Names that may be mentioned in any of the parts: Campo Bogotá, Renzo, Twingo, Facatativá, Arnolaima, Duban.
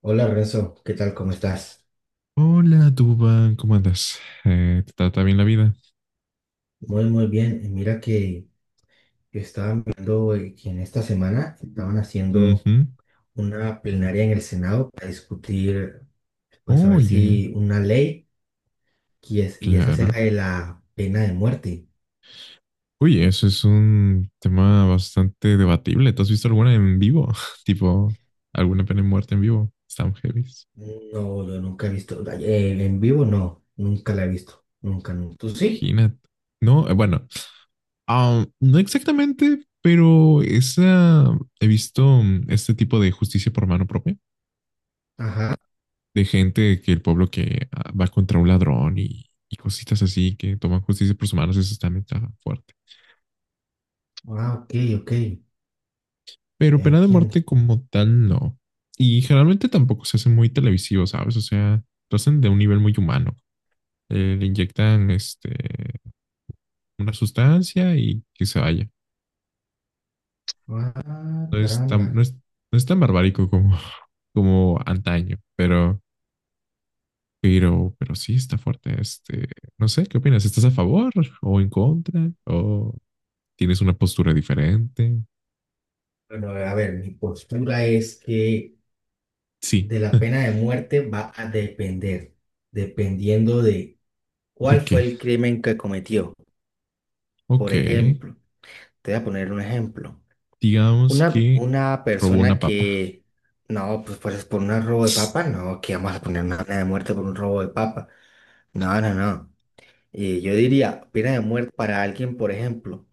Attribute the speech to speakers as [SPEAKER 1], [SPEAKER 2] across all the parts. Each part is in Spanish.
[SPEAKER 1] Hola, Renzo, ¿qué tal? ¿Cómo estás?
[SPEAKER 2] Hola, Duban, ¿cómo andas? ¿Te trata bien la vida?
[SPEAKER 1] Muy, muy bien. Y mira que yo estaba viendo que en esta semana estaban haciendo
[SPEAKER 2] Ujú.
[SPEAKER 1] una plenaria en el Senado para discutir, pues a ver
[SPEAKER 2] Oye,
[SPEAKER 1] si una ley que es, y es acerca
[SPEAKER 2] claro.
[SPEAKER 1] de la pena de muerte.
[SPEAKER 2] Oye, eso es un tema bastante debatible. ¿Te has visto alguna en vivo? Tipo, alguna pena de muerte en vivo. Están heavy.
[SPEAKER 1] No, yo nunca he visto, en vivo no, nunca la he visto, nunca, nunca. ¿Tú sí?
[SPEAKER 2] Imagínate. No, bueno, no exactamente, pero esa, he visto este tipo de justicia por mano propia,
[SPEAKER 1] Ajá.
[SPEAKER 2] de gente que el pueblo que va contra un ladrón y cositas así, que toman justicia por sus manos, eso también está fuerte.
[SPEAKER 1] Ah, ok, ok,
[SPEAKER 2] Pero
[SPEAKER 1] ya
[SPEAKER 2] pena de
[SPEAKER 1] entiendo.
[SPEAKER 2] muerte como tal, no. Y generalmente tampoco se hace muy televisivo, ¿sabes? O sea, lo hacen de un nivel muy humano. Le inyectan una sustancia y que se vaya.
[SPEAKER 1] Ah,
[SPEAKER 2] No es tan,
[SPEAKER 1] caramba.
[SPEAKER 2] no es, no es tan barbárico como, como antaño, pero sí está fuerte. No sé, ¿qué opinas? ¿Estás a favor o en contra? ¿O tienes una postura diferente?
[SPEAKER 1] Bueno, a ver, mi postura es que
[SPEAKER 2] Sí.
[SPEAKER 1] de la pena de muerte va a depender, dependiendo de cuál
[SPEAKER 2] ¿De
[SPEAKER 1] fue
[SPEAKER 2] qué?
[SPEAKER 1] el crimen que cometió.
[SPEAKER 2] Ok.
[SPEAKER 1] Por ejemplo, te voy a poner un ejemplo.
[SPEAKER 2] Digamos
[SPEAKER 1] Una,
[SPEAKER 2] que
[SPEAKER 1] una
[SPEAKER 2] robó
[SPEAKER 1] persona
[SPEAKER 2] una papa.
[SPEAKER 1] que, no, pues por un robo de papa, no, que vamos a poner una pena de muerte por un robo de papa. No, no, no. Y yo diría pena de muerte para alguien, por ejemplo,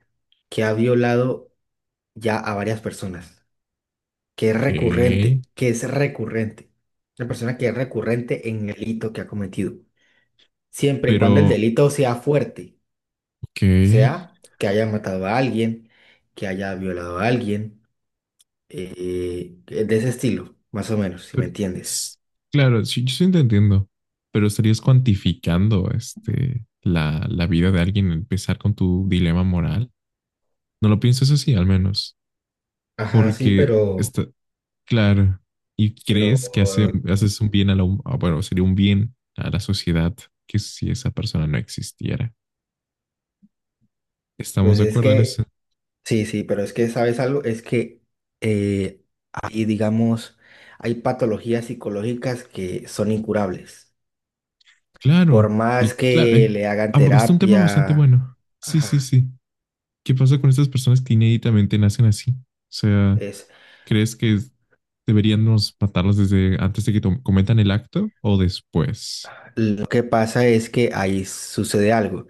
[SPEAKER 1] que ha violado ya a varias personas, que es recurrente,
[SPEAKER 2] ¿Qué?
[SPEAKER 1] que es recurrente. Una persona que es recurrente en el delito que ha cometido, siempre y cuando el
[SPEAKER 2] Pero,
[SPEAKER 1] delito sea fuerte, o
[SPEAKER 2] ¿qué?
[SPEAKER 1] sea, que haya matado a alguien, que haya violado a alguien, de ese estilo, más o menos, si me
[SPEAKER 2] Pero,
[SPEAKER 1] entiendes.
[SPEAKER 2] s- claro, sí, yo sí te entiendo, pero estarías cuantificando la vida de alguien, empezar con tu dilema moral. No lo piensas así, al menos,
[SPEAKER 1] Ajá, sí,
[SPEAKER 2] porque está, claro, y
[SPEAKER 1] pero,
[SPEAKER 2] crees que haces un bien a la, hum- ah, bueno, sería un bien a la sociedad que si esa persona no existiera. ¿Estamos
[SPEAKER 1] pues
[SPEAKER 2] de
[SPEAKER 1] es
[SPEAKER 2] acuerdo en eso?
[SPEAKER 1] que, sí, sí, pero es que, ¿sabes algo? Es que eh, hay, digamos, hay patologías psicológicas que son incurables. Por
[SPEAKER 2] Claro,
[SPEAKER 1] más
[SPEAKER 2] y claro,
[SPEAKER 1] que le hagan
[SPEAKER 2] abordaste un tema bastante
[SPEAKER 1] terapia,
[SPEAKER 2] bueno. Sí, sí,
[SPEAKER 1] ajá,
[SPEAKER 2] sí. ¿Qué pasa con estas personas que inéditamente nacen así? O sea,
[SPEAKER 1] es,
[SPEAKER 2] ¿crees que deberíamos matarlas desde antes de que cometan el acto o después?
[SPEAKER 1] lo que pasa es que ahí sucede algo.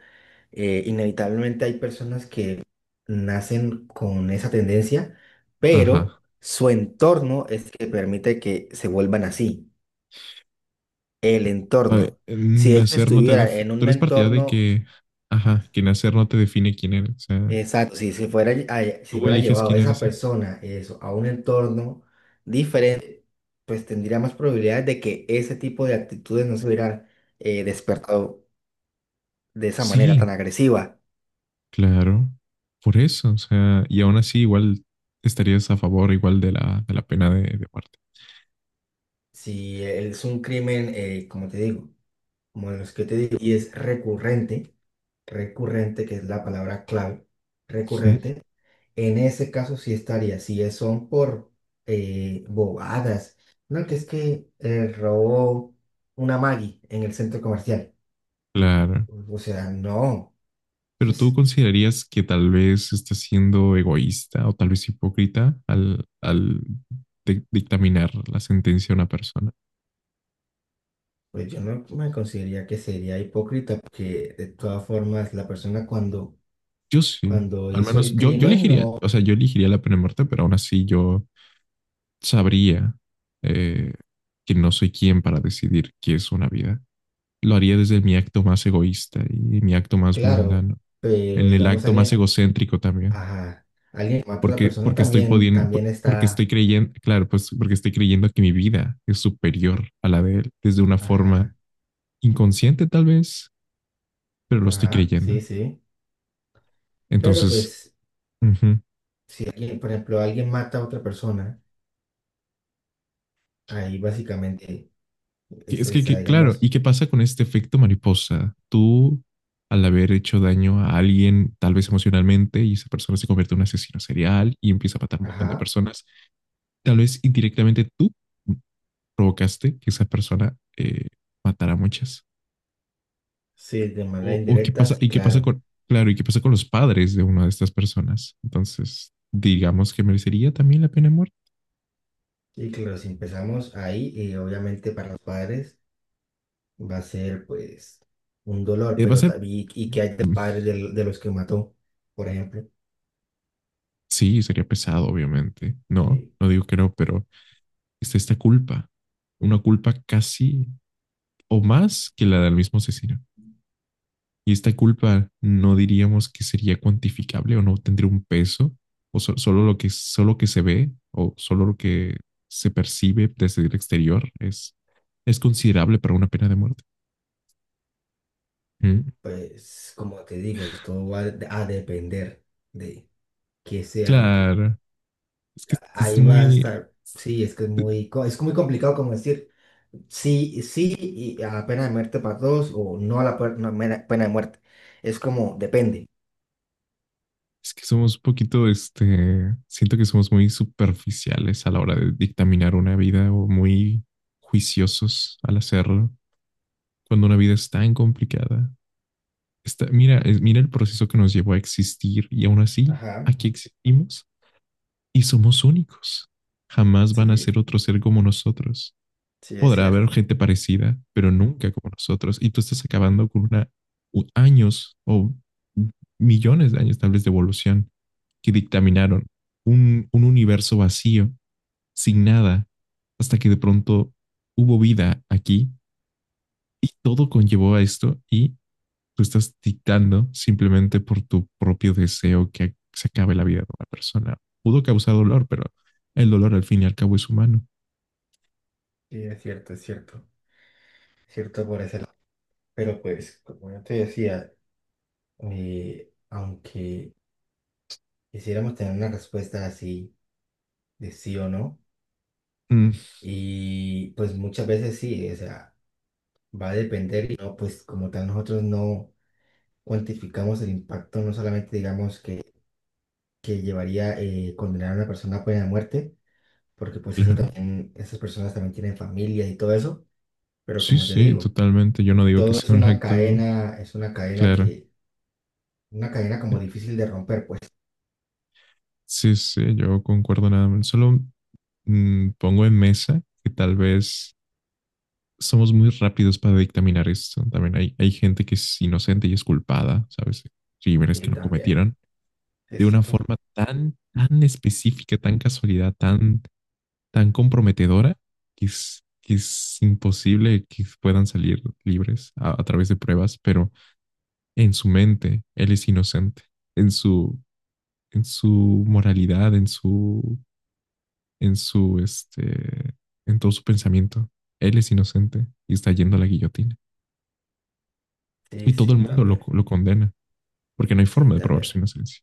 [SPEAKER 1] Inevitablemente hay personas que nacen con esa tendencia, pero
[SPEAKER 2] Ajá.
[SPEAKER 1] su entorno es que permite que se vuelvan así. El
[SPEAKER 2] A ver,
[SPEAKER 1] entorno. Si ellos
[SPEAKER 2] nacer no te
[SPEAKER 1] estuvieran
[SPEAKER 2] def-
[SPEAKER 1] en
[SPEAKER 2] tú
[SPEAKER 1] un
[SPEAKER 2] eres partidario de
[SPEAKER 1] entorno,
[SPEAKER 2] que,
[SPEAKER 1] ah,
[SPEAKER 2] ajá, que nacer no te define quién eres. O sea,
[SPEAKER 1] exacto, si se fuera, lle- a- si
[SPEAKER 2] tú
[SPEAKER 1] hubiera
[SPEAKER 2] eliges
[SPEAKER 1] llevado
[SPEAKER 2] quién
[SPEAKER 1] esa
[SPEAKER 2] eres.
[SPEAKER 1] persona eso, a un entorno diferente, pues tendría más probabilidades de que ese tipo de actitudes no se hubieran despertado de esa manera tan
[SPEAKER 2] Sí,
[SPEAKER 1] agresiva.
[SPEAKER 2] claro. Por eso, o sea, y aún así igual estarías a favor igual de la pena de muerte.
[SPEAKER 1] Si es un crimen, como te digo. Bueno, es que te digo, y es recurrente, recurrente, que es la palabra clave,
[SPEAKER 2] Mm,
[SPEAKER 1] recurrente. En ese caso sí estaría, si es- son por bobadas, no, que es que robó una Maggie en el centro comercial.
[SPEAKER 2] claro.
[SPEAKER 1] O sea, no,
[SPEAKER 2] Pero tú
[SPEAKER 1] pues,
[SPEAKER 2] considerarías que tal vez está siendo egoísta o tal vez hipócrita al, al dictaminar la sentencia a una persona.
[SPEAKER 1] pues yo no me consideraría que sería hipócrita, porque de todas formas la persona cuando,
[SPEAKER 2] Yo sí,
[SPEAKER 1] cuando
[SPEAKER 2] al
[SPEAKER 1] hizo
[SPEAKER 2] menos
[SPEAKER 1] el
[SPEAKER 2] yo
[SPEAKER 1] crimen,
[SPEAKER 2] elegiría, o
[SPEAKER 1] no,
[SPEAKER 2] sea, yo elegiría la pena de muerte, pero aún así yo sabría eh, que no soy quien para decidir qué es una vida. Lo haría desde mi acto más egoísta y mi acto más
[SPEAKER 1] claro,
[SPEAKER 2] mundano,
[SPEAKER 1] pero
[SPEAKER 2] en el
[SPEAKER 1] digamos
[SPEAKER 2] acto más
[SPEAKER 1] alguien,
[SPEAKER 2] egocéntrico también.
[SPEAKER 1] ajá. Alguien que mata a otra
[SPEAKER 2] porque,
[SPEAKER 1] persona
[SPEAKER 2] porque estoy
[SPEAKER 1] también,
[SPEAKER 2] pudiendo,
[SPEAKER 1] también
[SPEAKER 2] porque estoy
[SPEAKER 1] está.
[SPEAKER 2] creyendo, claro, pues porque estoy creyendo que mi vida es superior a la de él desde una forma
[SPEAKER 1] Ajá.
[SPEAKER 2] inconsciente tal vez, pero lo estoy
[SPEAKER 1] Ajá.
[SPEAKER 2] creyendo.
[SPEAKER 1] Sí, sí. Pero
[SPEAKER 2] Entonces,
[SPEAKER 1] pues,
[SPEAKER 2] uh -huh.
[SPEAKER 1] si alguien, por ejemplo, alguien mata a otra persona, ahí básicamente
[SPEAKER 2] Es que, que, claro, ¿y
[SPEAKER 1] digamos,
[SPEAKER 2] qué pasa con este efecto mariposa? Tú, al haber hecho daño a alguien, tal vez emocionalmente, y esa persona se convierte en un asesino serial y empieza a matar a un montón de
[SPEAKER 1] ajá.
[SPEAKER 2] personas, tal vez indirectamente tú provocaste que esa persona matara a muchas.
[SPEAKER 1] Sí, de manera
[SPEAKER 2] O qué
[SPEAKER 1] indirecta,
[SPEAKER 2] pasa,
[SPEAKER 1] sí,
[SPEAKER 2] y qué pasa
[SPEAKER 1] claro.
[SPEAKER 2] con, claro, y qué pasa con los padres de una de estas personas. Entonces, digamos que merecería también la pena de muerte.
[SPEAKER 1] Y claro, si empezamos ahí, y obviamente para los padres va a ser pues un dolor,
[SPEAKER 2] Va a
[SPEAKER 1] pero
[SPEAKER 2] ser,
[SPEAKER 1] también, y que hay de
[SPEAKER 2] mm,
[SPEAKER 1] padres los que mató, por ejemplo.
[SPEAKER 2] sí, sería pesado, obviamente. No,
[SPEAKER 1] Sí.
[SPEAKER 2] no digo que no, pero está esta culpa, una culpa casi o más que la del mismo asesino. Y esta culpa no diríamos que sería cuantificable o no tendría un peso, o solo lo que, solo que se ve o solo lo que se percibe desde el exterior es, considerable para una pena de muerte. Mm.
[SPEAKER 1] Pues, como te digo, todo va a depender que sea lo que
[SPEAKER 2] Claro, es que es
[SPEAKER 1] ahí va a
[SPEAKER 2] muy,
[SPEAKER 1] estar. Sí, es que es muy, es muy complicado como decir sí, sí y a la pena de muerte para todos o no a la puer- no, mera- pena de muerte. Es como depende.
[SPEAKER 2] es que somos un poquito, siento que somos muy superficiales a la hora de dictaminar una vida o muy juiciosos al hacerlo, cuando una vida es tan complicada. Está, mira, mira el proceso que nos llevó a existir y aún así,
[SPEAKER 1] Ajá,
[SPEAKER 2] aquí existimos y somos únicos. Jamás van a
[SPEAKER 1] sí,
[SPEAKER 2] ser otro ser como nosotros.
[SPEAKER 1] sí es
[SPEAKER 2] Podrá haber
[SPEAKER 1] cierto.
[SPEAKER 2] gente parecida, pero nunca como nosotros. Y tú estás acabando con una, años o millones de años tal vez de evolución que dictaminaron un universo vacío, sin nada, hasta que de pronto hubo vida aquí y todo conllevó a esto y tú estás dictando simplemente por tu propio deseo que se acabe la vida de una persona. Pudo causar dolor, pero el dolor al fin y al cabo es humano.
[SPEAKER 1] Sí, es cierto, es cierto. Cierto por ese lado. Pero pues, como yo te decía, aunque quisiéramos tener una respuesta así de sí o no,
[SPEAKER 2] Mm,
[SPEAKER 1] y pues muchas veces sí, o sea, va a depender y no, pues como tal nosotros no cuantificamos el impacto, no solamente digamos que llevaría condenar a una persona pues, a muerte, porque pues eso
[SPEAKER 2] claro.
[SPEAKER 1] también, esas personas también tienen familias y todo eso, pero
[SPEAKER 2] Sí,
[SPEAKER 1] como te
[SPEAKER 2] sí,
[SPEAKER 1] digo,
[SPEAKER 2] totalmente. Yo no digo que
[SPEAKER 1] todo
[SPEAKER 2] sea un acto,
[SPEAKER 1] es una cadena
[SPEAKER 2] claro.
[SPEAKER 1] que, una cadena
[SPEAKER 2] Eh,
[SPEAKER 1] como difícil de romper, pues
[SPEAKER 2] Sí, sí, yo concuerdo nada más. Solo pongo en mesa que tal vez somos muy rápidos para dictaminar esto. También hay gente que es inocente y es culpada, ¿sabes? Crímenes que
[SPEAKER 1] sí,
[SPEAKER 2] no
[SPEAKER 1] también.
[SPEAKER 2] cometieron
[SPEAKER 1] Sí,
[SPEAKER 2] de
[SPEAKER 1] sí,
[SPEAKER 2] una forma tan, tan específica, tan casualidad, tan, tan comprometedora que es imposible que puedan salir libres a través de pruebas, pero en su mente él es inocente en su en su moralidad, en su, en todo su pensamiento. Él es inocente y está yendo a la guillotina. Y
[SPEAKER 1] sí,
[SPEAKER 2] todo el
[SPEAKER 1] sí,
[SPEAKER 2] mundo lo,
[SPEAKER 1] también.
[SPEAKER 2] lo condena, porque no hay
[SPEAKER 1] Sí,
[SPEAKER 2] forma de probar
[SPEAKER 1] también.
[SPEAKER 2] su inocencia.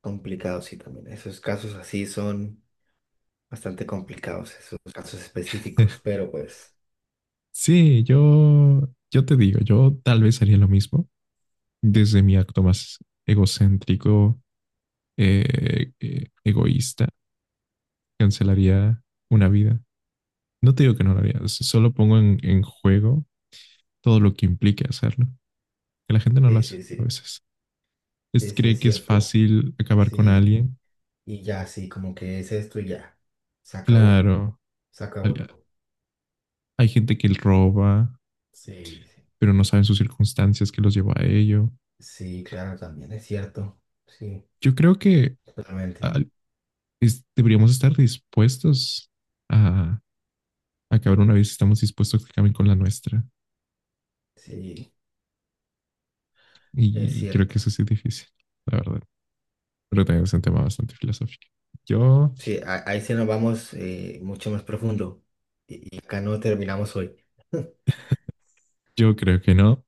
[SPEAKER 1] Complicado, sí, también. Esos casos así son bastante complicados, esos casos específicos, pero pues,
[SPEAKER 2] Sí, yo te digo, yo tal vez haría lo mismo desde mi acto más egocéntrico, egoísta. Cancelaría una vida. No te digo que no lo haría, solo pongo en juego todo lo que implique hacerlo, que la gente no lo
[SPEAKER 1] sí,
[SPEAKER 2] hace
[SPEAKER 1] sí,
[SPEAKER 2] a
[SPEAKER 1] sí,
[SPEAKER 2] veces.
[SPEAKER 1] sí,
[SPEAKER 2] Es,
[SPEAKER 1] sí,
[SPEAKER 2] cree
[SPEAKER 1] es
[SPEAKER 2] que es
[SPEAKER 1] cierto.
[SPEAKER 2] fácil acabar con
[SPEAKER 1] Sí.
[SPEAKER 2] alguien.
[SPEAKER 1] Y ya, sí, como que es esto y ya. Se acabó,
[SPEAKER 2] Claro,
[SPEAKER 1] se acabó
[SPEAKER 2] al-
[SPEAKER 1] todo.
[SPEAKER 2] hay gente que roba,
[SPEAKER 1] Sí, sí.
[SPEAKER 2] pero no saben sus circunstancias que los llevó a ello.
[SPEAKER 1] Sí, claro, también es cierto. Sí,
[SPEAKER 2] Yo creo que
[SPEAKER 1] totalmente.
[SPEAKER 2] al- deberíamos estar dispuestos a acabar una vez estamos dispuestos a que acaben con la nuestra.
[SPEAKER 1] Sí, es
[SPEAKER 2] Y creo que
[SPEAKER 1] cierto.
[SPEAKER 2] eso sí es difícil, la verdad. Pero también es un tema bastante filosófico. Yo,
[SPEAKER 1] Sí, ahí sí nos vamos mucho más profundo. Y acá no terminamos hoy.
[SPEAKER 2] yo creo que no.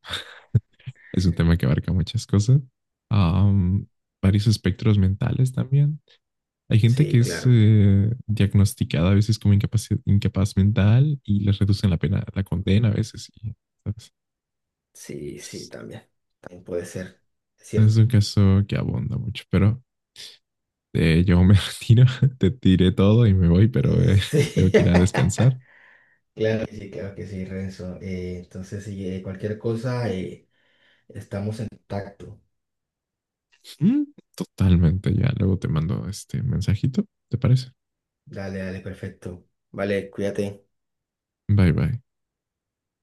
[SPEAKER 2] Es un tema que abarca muchas cosas. Am, varios espectros mentales también. Hay gente
[SPEAKER 1] Sí,
[SPEAKER 2] que es
[SPEAKER 1] claro.
[SPEAKER 2] diagnosticada a veces como incapaz, incapaz mental y les reducen la pena, la condena a veces. Y, ¿sabes?
[SPEAKER 1] Sí, sí,
[SPEAKER 2] Es,
[SPEAKER 1] también. También puede ser. Es
[SPEAKER 2] es
[SPEAKER 1] cierto.
[SPEAKER 2] un caso que abunda mucho, pero yo me retiro, te tiré todo y me voy, pero
[SPEAKER 1] Sí.
[SPEAKER 2] tengo que ir a descansar.
[SPEAKER 1] Claro que sí, Renzo. Entonces, si cualquier cosa, estamos en contacto.
[SPEAKER 2] Mm, totalmente, ya luego te mando este mensajito, ¿te parece?
[SPEAKER 1] Dale, dale, perfecto. Vale, cuídate.
[SPEAKER 2] Bye bye.